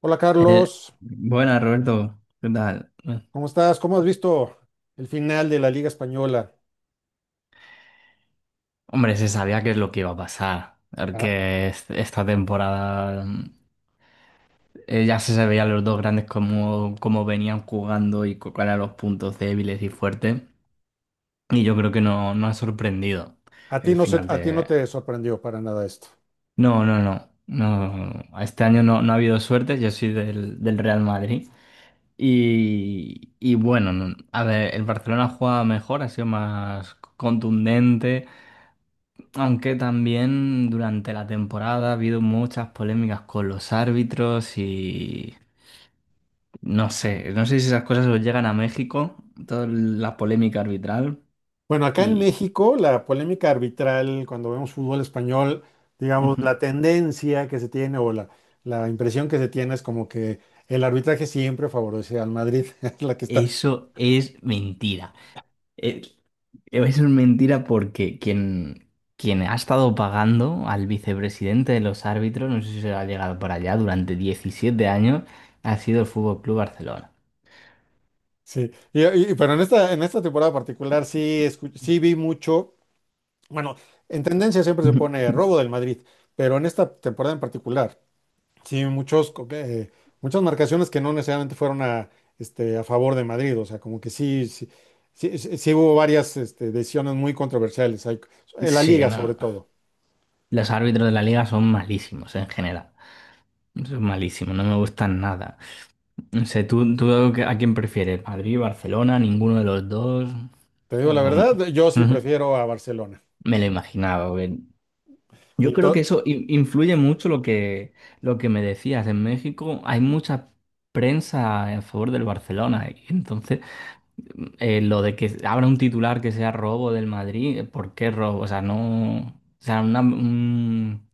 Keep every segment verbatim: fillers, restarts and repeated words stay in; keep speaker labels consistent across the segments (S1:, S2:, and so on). S1: Hola
S2: Eh,
S1: Carlos,
S2: Buenas, Roberto. ¿Qué tal? Eh,
S1: ¿cómo estás? ¿Cómo has visto el final de la Liga Española?
S2: Hombre, se sabía qué es lo que iba a pasar.
S1: A,
S2: Porque es- esta temporada mm, eh, ya se veían los dos grandes cómo, cómo venían jugando y cu- cuáles eran los puntos débiles y fuertes. Y yo creo que no, no ha sorprendido
S1: a ti
S2: el
S1: no se-
S2: final
S1: a ti
S2: de...
S1: no te sorprendió para nada esto.
S2: No, no, no. No, este año no, no ha habido suerte. Yo soy del, del Real Madrid. Y, y bueno, no- a ver, el Barcelona juega mejor, ha sido más contundente, aunque también durante la temporada ha habido muchas polémicas con los árbitros y no sé, no sé si esas cosas os llegan a México, toda la polémica arbitral
S1: Bueno, acá en
S2: y
S1: México la polémica arbitral cuando vemos fútbol español, digamos, la tendencia que se tiene o la, la impresión que se tiene es como que el arbitraje siempre favorece al Madrid, es la que está.
S2: eso es mentira. Es, es una mentira porque quien, quien ha estado pagando al vicepresidente de los árbitros, no sé si se ha llegado por allá, durante diecisiete años, ha sido el Fútbol Club Barcelona.
S1: Sí, Y- y- pero en esta, en esta temporada particular sí, escu- sí vi mucho, bueno, en tendencia siempre se pone robo del Madrid, pero en esta temporada en particular. Sí, muchos, co- eh, muchas marcaciones que no necesariamente fueron a, este, a favor de Madrid, o sea, como que sí, sí, sí, sí- sí hubo varias este, decisiones muy controversiales, hay- en la
S2: Sí,
S1: liga sobre
S2: no.
S1: todo.
S2: Los árbitros de la liga son malísimos en general. Son malísimos, no me gustan nada. No sé, ¿tú, tú a quién prefieres? ¿Madrid, Barcelona, ninguno de los dos?
S1: Te digo la
S2: O...
S1: verdad, yo sí
S2: Ujú.
S1: prefiero a Barcelona.
S2: Me lo imaginaba, porque yo
S1: Y
S2: creo
S1: to-
S2: que eso in- influye mucho lo que, lo que me decías. En México hay mucha prensa a favor del Barcelona, y entonces, eh, lo de que abra un titular que sea robo del Madrid, eh, ¿por qué robo? O sea, no. O sea, una, un-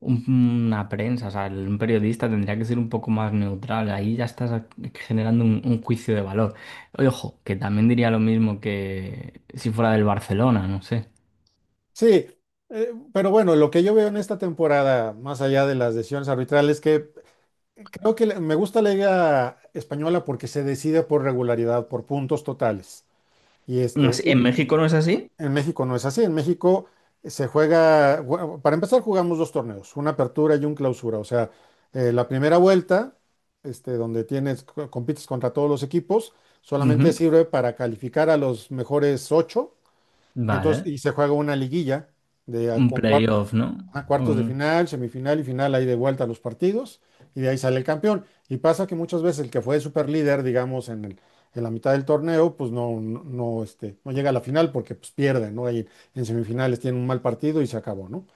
S2: un- una prensa, o sea, el- un periodista tendría que ser un poco más neutral. Ahí ya estás generando un, un juicio de valor. Ojo, que también diría lo mismo que si fuera del Barcelona, no sé.
S1: sí, eh, pero bueno, lo que yo veo en esta temporada, más allá de las decisiones arbitrales, que creo que le- me gusta la liga española porque se decide por regularidad, por puntos totales. Y
S2: No
S1: este,
S2: sé,
S1: y,
S2: ¿en México no es así?
S1: En México no es así. En México se juega, bueno, para empezar jugamos dos torneos, una apertura y un clausura. O sea, eh, la primera vuelta, este, donde tienes, co- compites contra todos los equipos, solamente
S2: Ujú.
S1: sirve para calificar a los mejores ocho. Y entonces,
S2: Vale.
S1: y se juega una liguilla de, a-
S2: Un
S1: con cuar-
S2: playoff, ¿no?
S1: a cuartos de
S2: Un-
S1: final, semifinal y final, ahí de vuelta los partidos, y de ahí sale el campeón. Y pasa que muchas veces el que fue super líder, digamos, en el, en la mitad del torneo, pues no, no, no, este, no llega a la final porque pues, pierde, ¿no? Ahí en semifinales tiene un mal partido y se acabó, ¿no?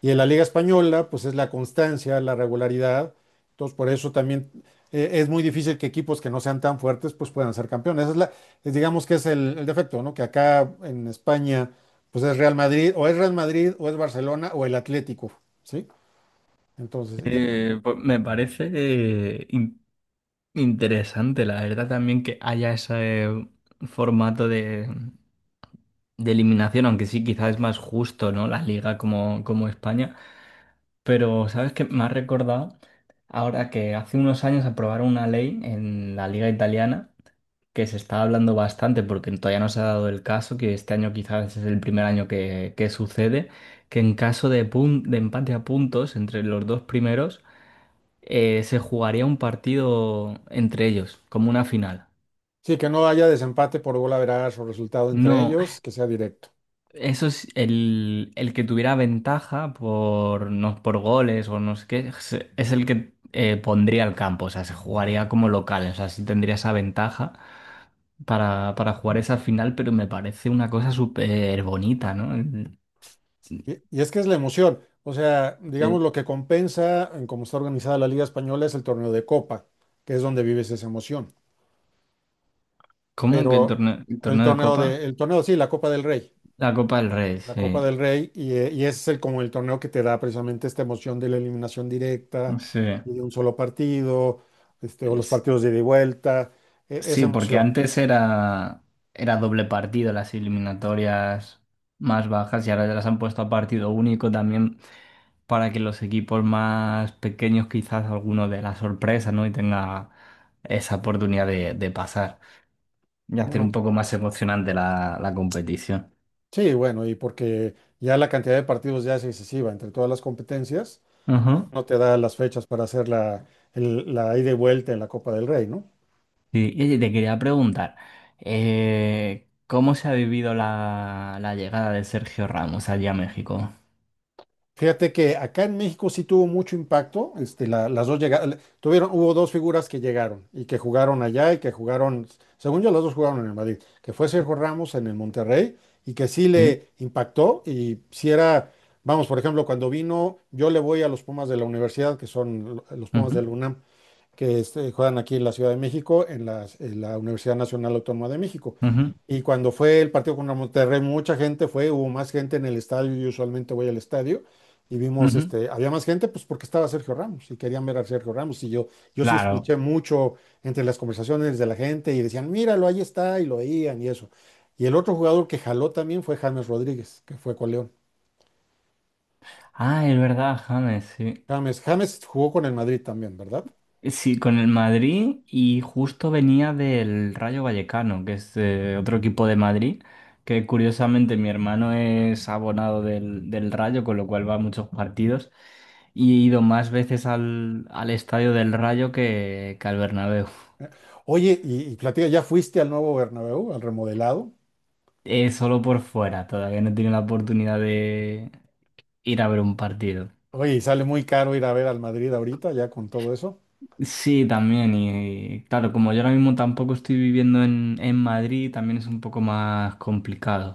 S1: Y en la Liga Española, pues es la constancia, la regularidad. Entonces, por eso también eh, es muy difícil que equipos que no sean tan fuertes, pues puedan ser campeones. Esa es la, es, digamos que es el, el defecto, ¿no? Que acá en España, pues es Real Madrid, o es Real Madrid, o es Barcelona, o el Atlético, ¿sí? Entonces, ya.
S2: eh, pues me parece eh, in- interesante, la verdad, también que haya ese eh, formato de, de eliminación, aunque sí, quizás es más justo, ¿no? La liga como, como España. Pero, ¿sabes qué? Me ha recordado ahora que hace unos años aprobaron una ley en la liga italiana, que se está hablando bastante, porque todavía no se ha dado el caso, que este año quizás es el primer año que, que sucede, que en caso de, pun- de empate a puntos entre los dos primeros, eh, se jugaría un partido entre ellos, como una final.
S1: Sí, que no haya desempate por gol average o resultado entre
S2: No,
S1: ellos, que sea directo.
S2: eso es el, el que tuviera ventaja por, no, por goles o no sé qué, se- es el que eh, pondría al campo, o sea, se jugaría como local, o sea, sí tendría esa ventaja para, para jugar esa final, pero me parece una cosa súper bonita, ¿no? El- sí,
S1: Y, y es que es la emoción. O sea, digamos
S2: sí.
S1: lo que compensa en cómo está organizada la Liga Española es el torneo de Copa, que es donde vives esa emoción.
S2: ¿Cómo que el
S1: Pero
S2: torneo, el
S1: el
S2: torneo de
S1: torneo
S2: Copa?
S1: de, el torneo, sí, la Copa del Rey,
S2: La Copa del Rey,
S1: la
S2: sí.
S1: Copa del Rey, y, eh, y ese es el, como el torneo que te da precisamente esta emoción de la eliminación directa
S2: Sí,
S1: y de un solo partido, este, o los
S2: Es-
S1: partidos de ida y vuelta, e- esa
S2: sí, porque
S1: emoción.
S2: antes era, era doble partido las eliminatorias más bajas y ahora ya las han puesto a partido único también, para que los equipos más pequeños quizás alguno de la sorpresa, ¿no? Y tenga esa oportunidad de, de pasar y hacer un
S1: Bueno,
S2: poco más emocionante la, la competición.
S1: sí, bueno, y porque ya la cantidad de partidos ya es excesiva entre todas las competencias,
S2: Ajá.
S1: no te da las fechas para hacer la, el- la ida y vuelta en la Copa del Rey, ¿no?
S2: Sí, y oye, te quería preguntar, eh, ¿cómo se ha vivido la, la llegada de Sergio Ramos allí a México?
S1: Fíjate que acá en México sí tuvo mucho impacto. Este, la- las dos llegaron, tuvieron, hubo dos figuras que llegaron y que jugaron allá y que jugaron, según yo, las dos jugaron en el Madrid, que fue Sergio Ramos en el Monterrey y que sí
S2: Sí.
S1: le impactó y si era, vamos, por ejemplo, cuando vino, yo le voy a los Pumas de la universidad, que son lo- los Pumas
S2: Ujú,
S1: del UNAM, que este, juegan aquí en la Ciudad de México, en las- en la, Universidad Nacional Autónoma de México.
S2: ujú,
S1: Y cuando fue el partido contra Monterrey, mucha gente fue, hubo más gente en el estadio, yo usualmente voy al estadio, y vimos,
S2: ujú.
S1: este, había más gente, pues porque estaba Sergio Ramos, y querían ver a Sergio Ramos, y yo, yo sí
S2: Claro.
S1: escuché mucho entre las conversaciones de la gente, y decían, míralo, ahí está, y lo veían, y eso. Y el otro jugador que jaló también fue James Rodríguez, que fue con León.
S2: Ah, es verdad, James, sí.
S1: James, James jugó con el Madrid también, ¿verdad?
S2: Sí, con el Madrid y justo venía del Rayo Vallecano, que es eh, otro equipo de Madrid, que curiosamente mi hermano es abonado del, del Rayo, con lo cual va a muchos partidos y he ido más veces al, al estadio del Rayo que, que al Bernabéu.
S1: Oye, y, y platica, ¿ya fuiste al nuevo Bernabéu, al remodelado?
S2: Eh, solo por fuera, todavía no tiene la oportunidad de ir a ver un partido.
S1: Oye, y sale muy caro ir a ver al Madrid ahorita, ya con todo eso.
S2: Sí, también. Y claro, como yo ahora mismo tampoco estoy viviendo en, en Madrid, también es un poco más complicado.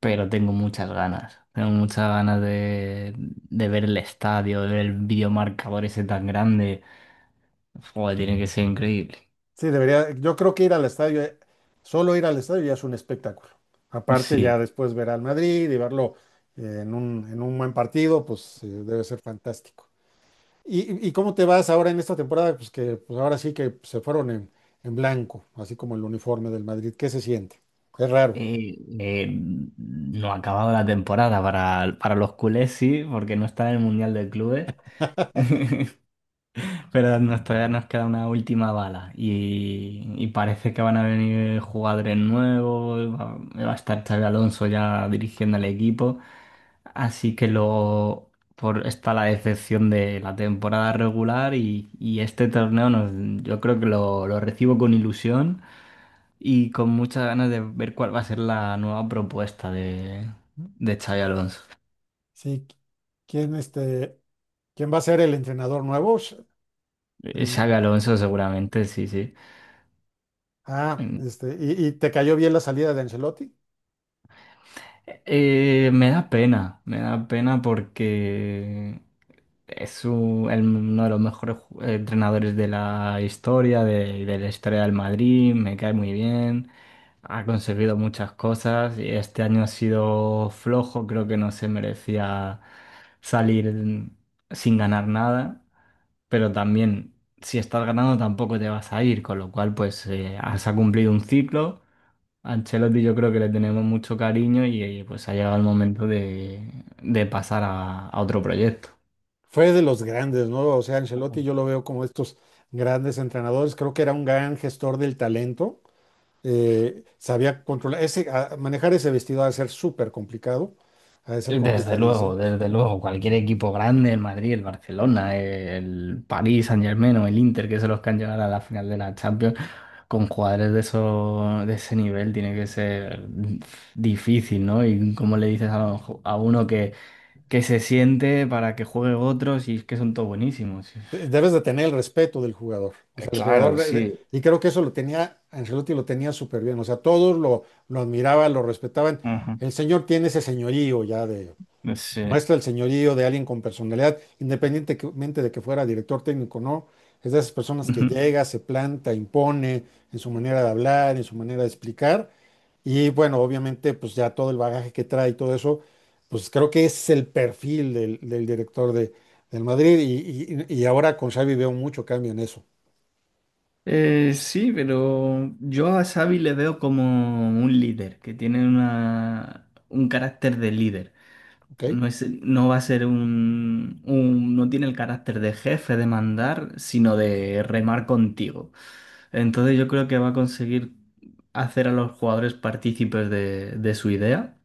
S2: Pero tengo muchas ganas. Tengo muchas ganas de, de ver el estadio, de ver el videomarcador ese tan grande. Joder, tiene que ser increíble.
S1: Sí, debería, yo creo que ir al estadio, eh, solo ir al estadio ya es un espectáculo. Aparte,
S2: Sí.
S1: ya después ver al Madrid y verlo eh, en un, en un buen partido, pues eh, debe ser fantástico. ¿Y, y- cómo te vas ahora en esta temporada? Pues que pues ahora sí que se fueron en, en blanco, así como el uniforme del Madrid. ¿Qué se siente? Es raro.
S2: Eh, eh, no ha acabado la temporada para, para los culés, sí, porque no está en el Mundial de Clubes. Pero nos, todavía nos queda una última bala y, y parece que van a venir jugadores nuevos, va, va a estar Xabi Alonso ya dirigiendo el equipo, así que luego por, está la decepción de la temporada regular y, y este torneo nos- yo creo que lo, lo recibo con ilusión y con muchas ganas de ver cuál va a ser la nueva propuesta de, de Xabi Alonso.
S1: Sí, ¿quién, este, quién va a ser el entrenador nuevo? Sh-
S2: Eh,
S1: del
S2: Xabi
S1: Madrid.
S2: Alonso seguramente, sí, sí.
S1: Ah, este, ¿y, y te cayó bien la salida de Ancelotti?
S2: Eh, me da pena, me da pena porque es u- el- uno de los mejores ju- eh, entrenadores de la historia, de, de la historia del Madrid, me cae muy bien, ha conseguido muchas cosas y este año ha sido flojo, creo que no se merecía salir sin ganar nada, pero también si estás ganando tampoco te vas a ir, con lo cual pues eh, has ha cumplido un ciclo. A Ancelotti yo creo que le tenemos mucho cariño y eh, pues ha llegado el momento de, de pasar a, a otro proyecto.
S1: Fue de los grandes, ¿no? O sea, Ancelotti yo lo veo como estos grandes entrenadores. Creo que era un gran gestor del talento. Eh, sabía controlar, ese, a- manejar ese vestido ha de ser súper complicado, ha de ser
S2: Desde
S1: complicadísimo.
S2: luego, desde luego, cualquier equipo grande, el Madrid, el Barcelona, el París Saint-Germain o el Inter, que son los que han llegado a la final de la Champions, con jugadores de eso, de ese nivel tiene que ser difícil, ¿no? Y como le dices a, lo- a uno que, que se siente para que juegue otros y es que son todos buenísimos.
S1: De- Debes de tener el respeto del jugador. O sea,
S2: Eh,
S1: el
S2: Claro,
S1: jugador, eh,
S2: sí.
S1: y creo que eso lo tenía, Ancelotti lo tenía súper bien. O sea, todos lo, lo admiraban, lo respetaban.
S2: Ajá.
S1: El señor tiene ese señorío ya de,
S2: Sí.
S1: muestra el señorío de alguien con personalidad, independientemente de que fuera director técnico o no. Es de esas personas que llega, se planta, impone en su manera de hablar, en su manera de explicar. Y bueno, obviamente, pues ya todo el bagaje que trae y todo eso, pues creo que ese es el perfil del, del director de, del Madrid. Y, y- y ahora con Xavi veo mucho cambio en eso,
S2: Eh, sí, pero yo a Xavi le veo como un líder, que tiene una, un carácter de líder.
S1: ¿ok?
S2: No es, no va a ser un, un- no tiene el carácter de jefe, de mandar, sino de remar contigo. Entonces yo creo que va a conseguir hacer a los jugadores partícipes de, de su idea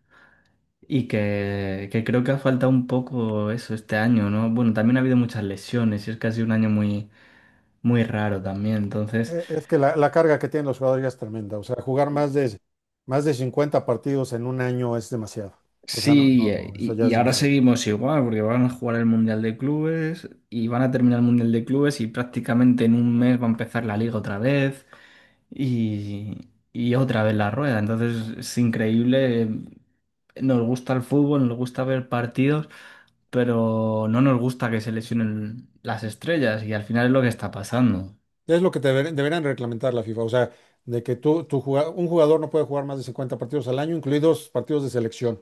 S2: y que, que creo que ha faltado un poco eso este año, ¿no? Bueno, también ha habido muchas lesiones y es que ha sido un año muy, muy raro también, entonces...
S1: Eh, es que la, la carga que tienen los jugadores ya es tremenda. O sea, jugar más de, más de cincuenta partidos en un año es demasiado. O sea, no,
S2: Sí,
S1: no,
S2: eh,
S1: no, eso
S2: y,
S1: ya
S2: y
S1: es
S2: ahora
S1: demasiado.
S2: seguimos igual, porque van a jugar el Mundial de Clubes y van a terminar el Mundial de Clubes y prácticamente en un mes va a empezar la liga otra vez y, y otra vez la rueda. Entonces es increíble. eh, Nos gusta el fútbol, nos gusta ver partidos, pero no nos gusta que se lesionen las estrellas y al final es lo que está pasando.
S1: Es lo que te deber- deberían reglamentar la FIFA, o sea, de que tú, tu juga- un jugador no puede jugar más de cincuenta partidos al año, incluidos partidos de selección.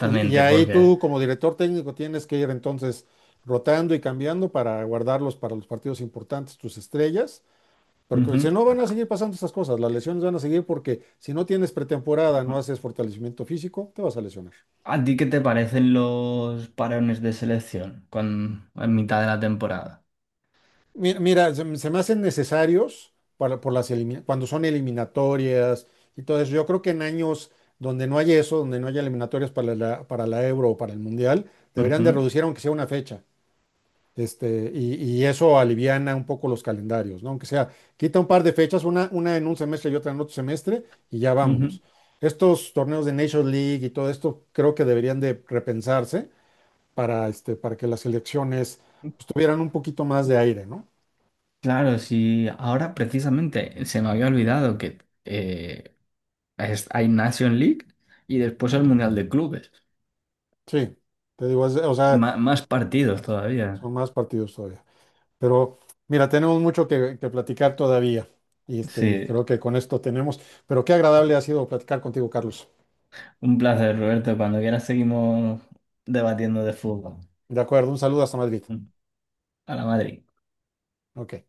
S1: Y, y ahí
S2: porque...
S1: tú, como director técnico, tienes que ir entonces rotando y cambiando para guardarlos para los partidos importantes, tus estrellas, porque
S2: Ujú.
S1: si no van a seguir pasando estas cosas, las lesiones van a seguir porque si no tienes pretemporada, no haces fortalecimiento físico, te vas a lesionar.
S2: ¿A ti qué te parecen los parones de selección cuan- en mitad de la temporada?
S1: Mi- Mira, se, me se me hacen necesarios para, por las elimina- cuando son eliminatorias y todo eso. Yo creo que en años donde no haya eso, donde no haya eliminatorias para la, para la Euro o para el Mundial, deberían de
S2: Ujú,
S1: reducir aunque sea una fecha. Este, y, y eso aliviana un poco los calendarios, ¿no? Aunque sea, quita un par de fechas, una, una en un semestre y otra en otro semestre, y ya
S2: ujú.
S1: vámonos. Estos torneos de Nations League y todo esto creo que deberían de repensarse para, este, para que las elecciones pues, tuvieran un poquito más de aire, ¿no?
S2: Claro, sí. Ahora precisamente se me había olvidado que eh, es- hay Nation League y después el Mundial de Clubes.
S1: Sí, te digo, es- o sea,
S2: Ma- más partidos todavía.
S1: son más partidos todavía. Pero mira, tenemos mucho que, que platicar todavía. Y, este, y
S2: Sí,
S1: creo que con esto tenemos. Pero qué agradable ha sido platicar contigo, Carlos.
S2: un placer, Roberto. Cuando quieras seguimos debatiendo de fútbol.
S1: De acuerdo, un saludo hasta Madrid.
S2: A la Madrid.
S1: Ok.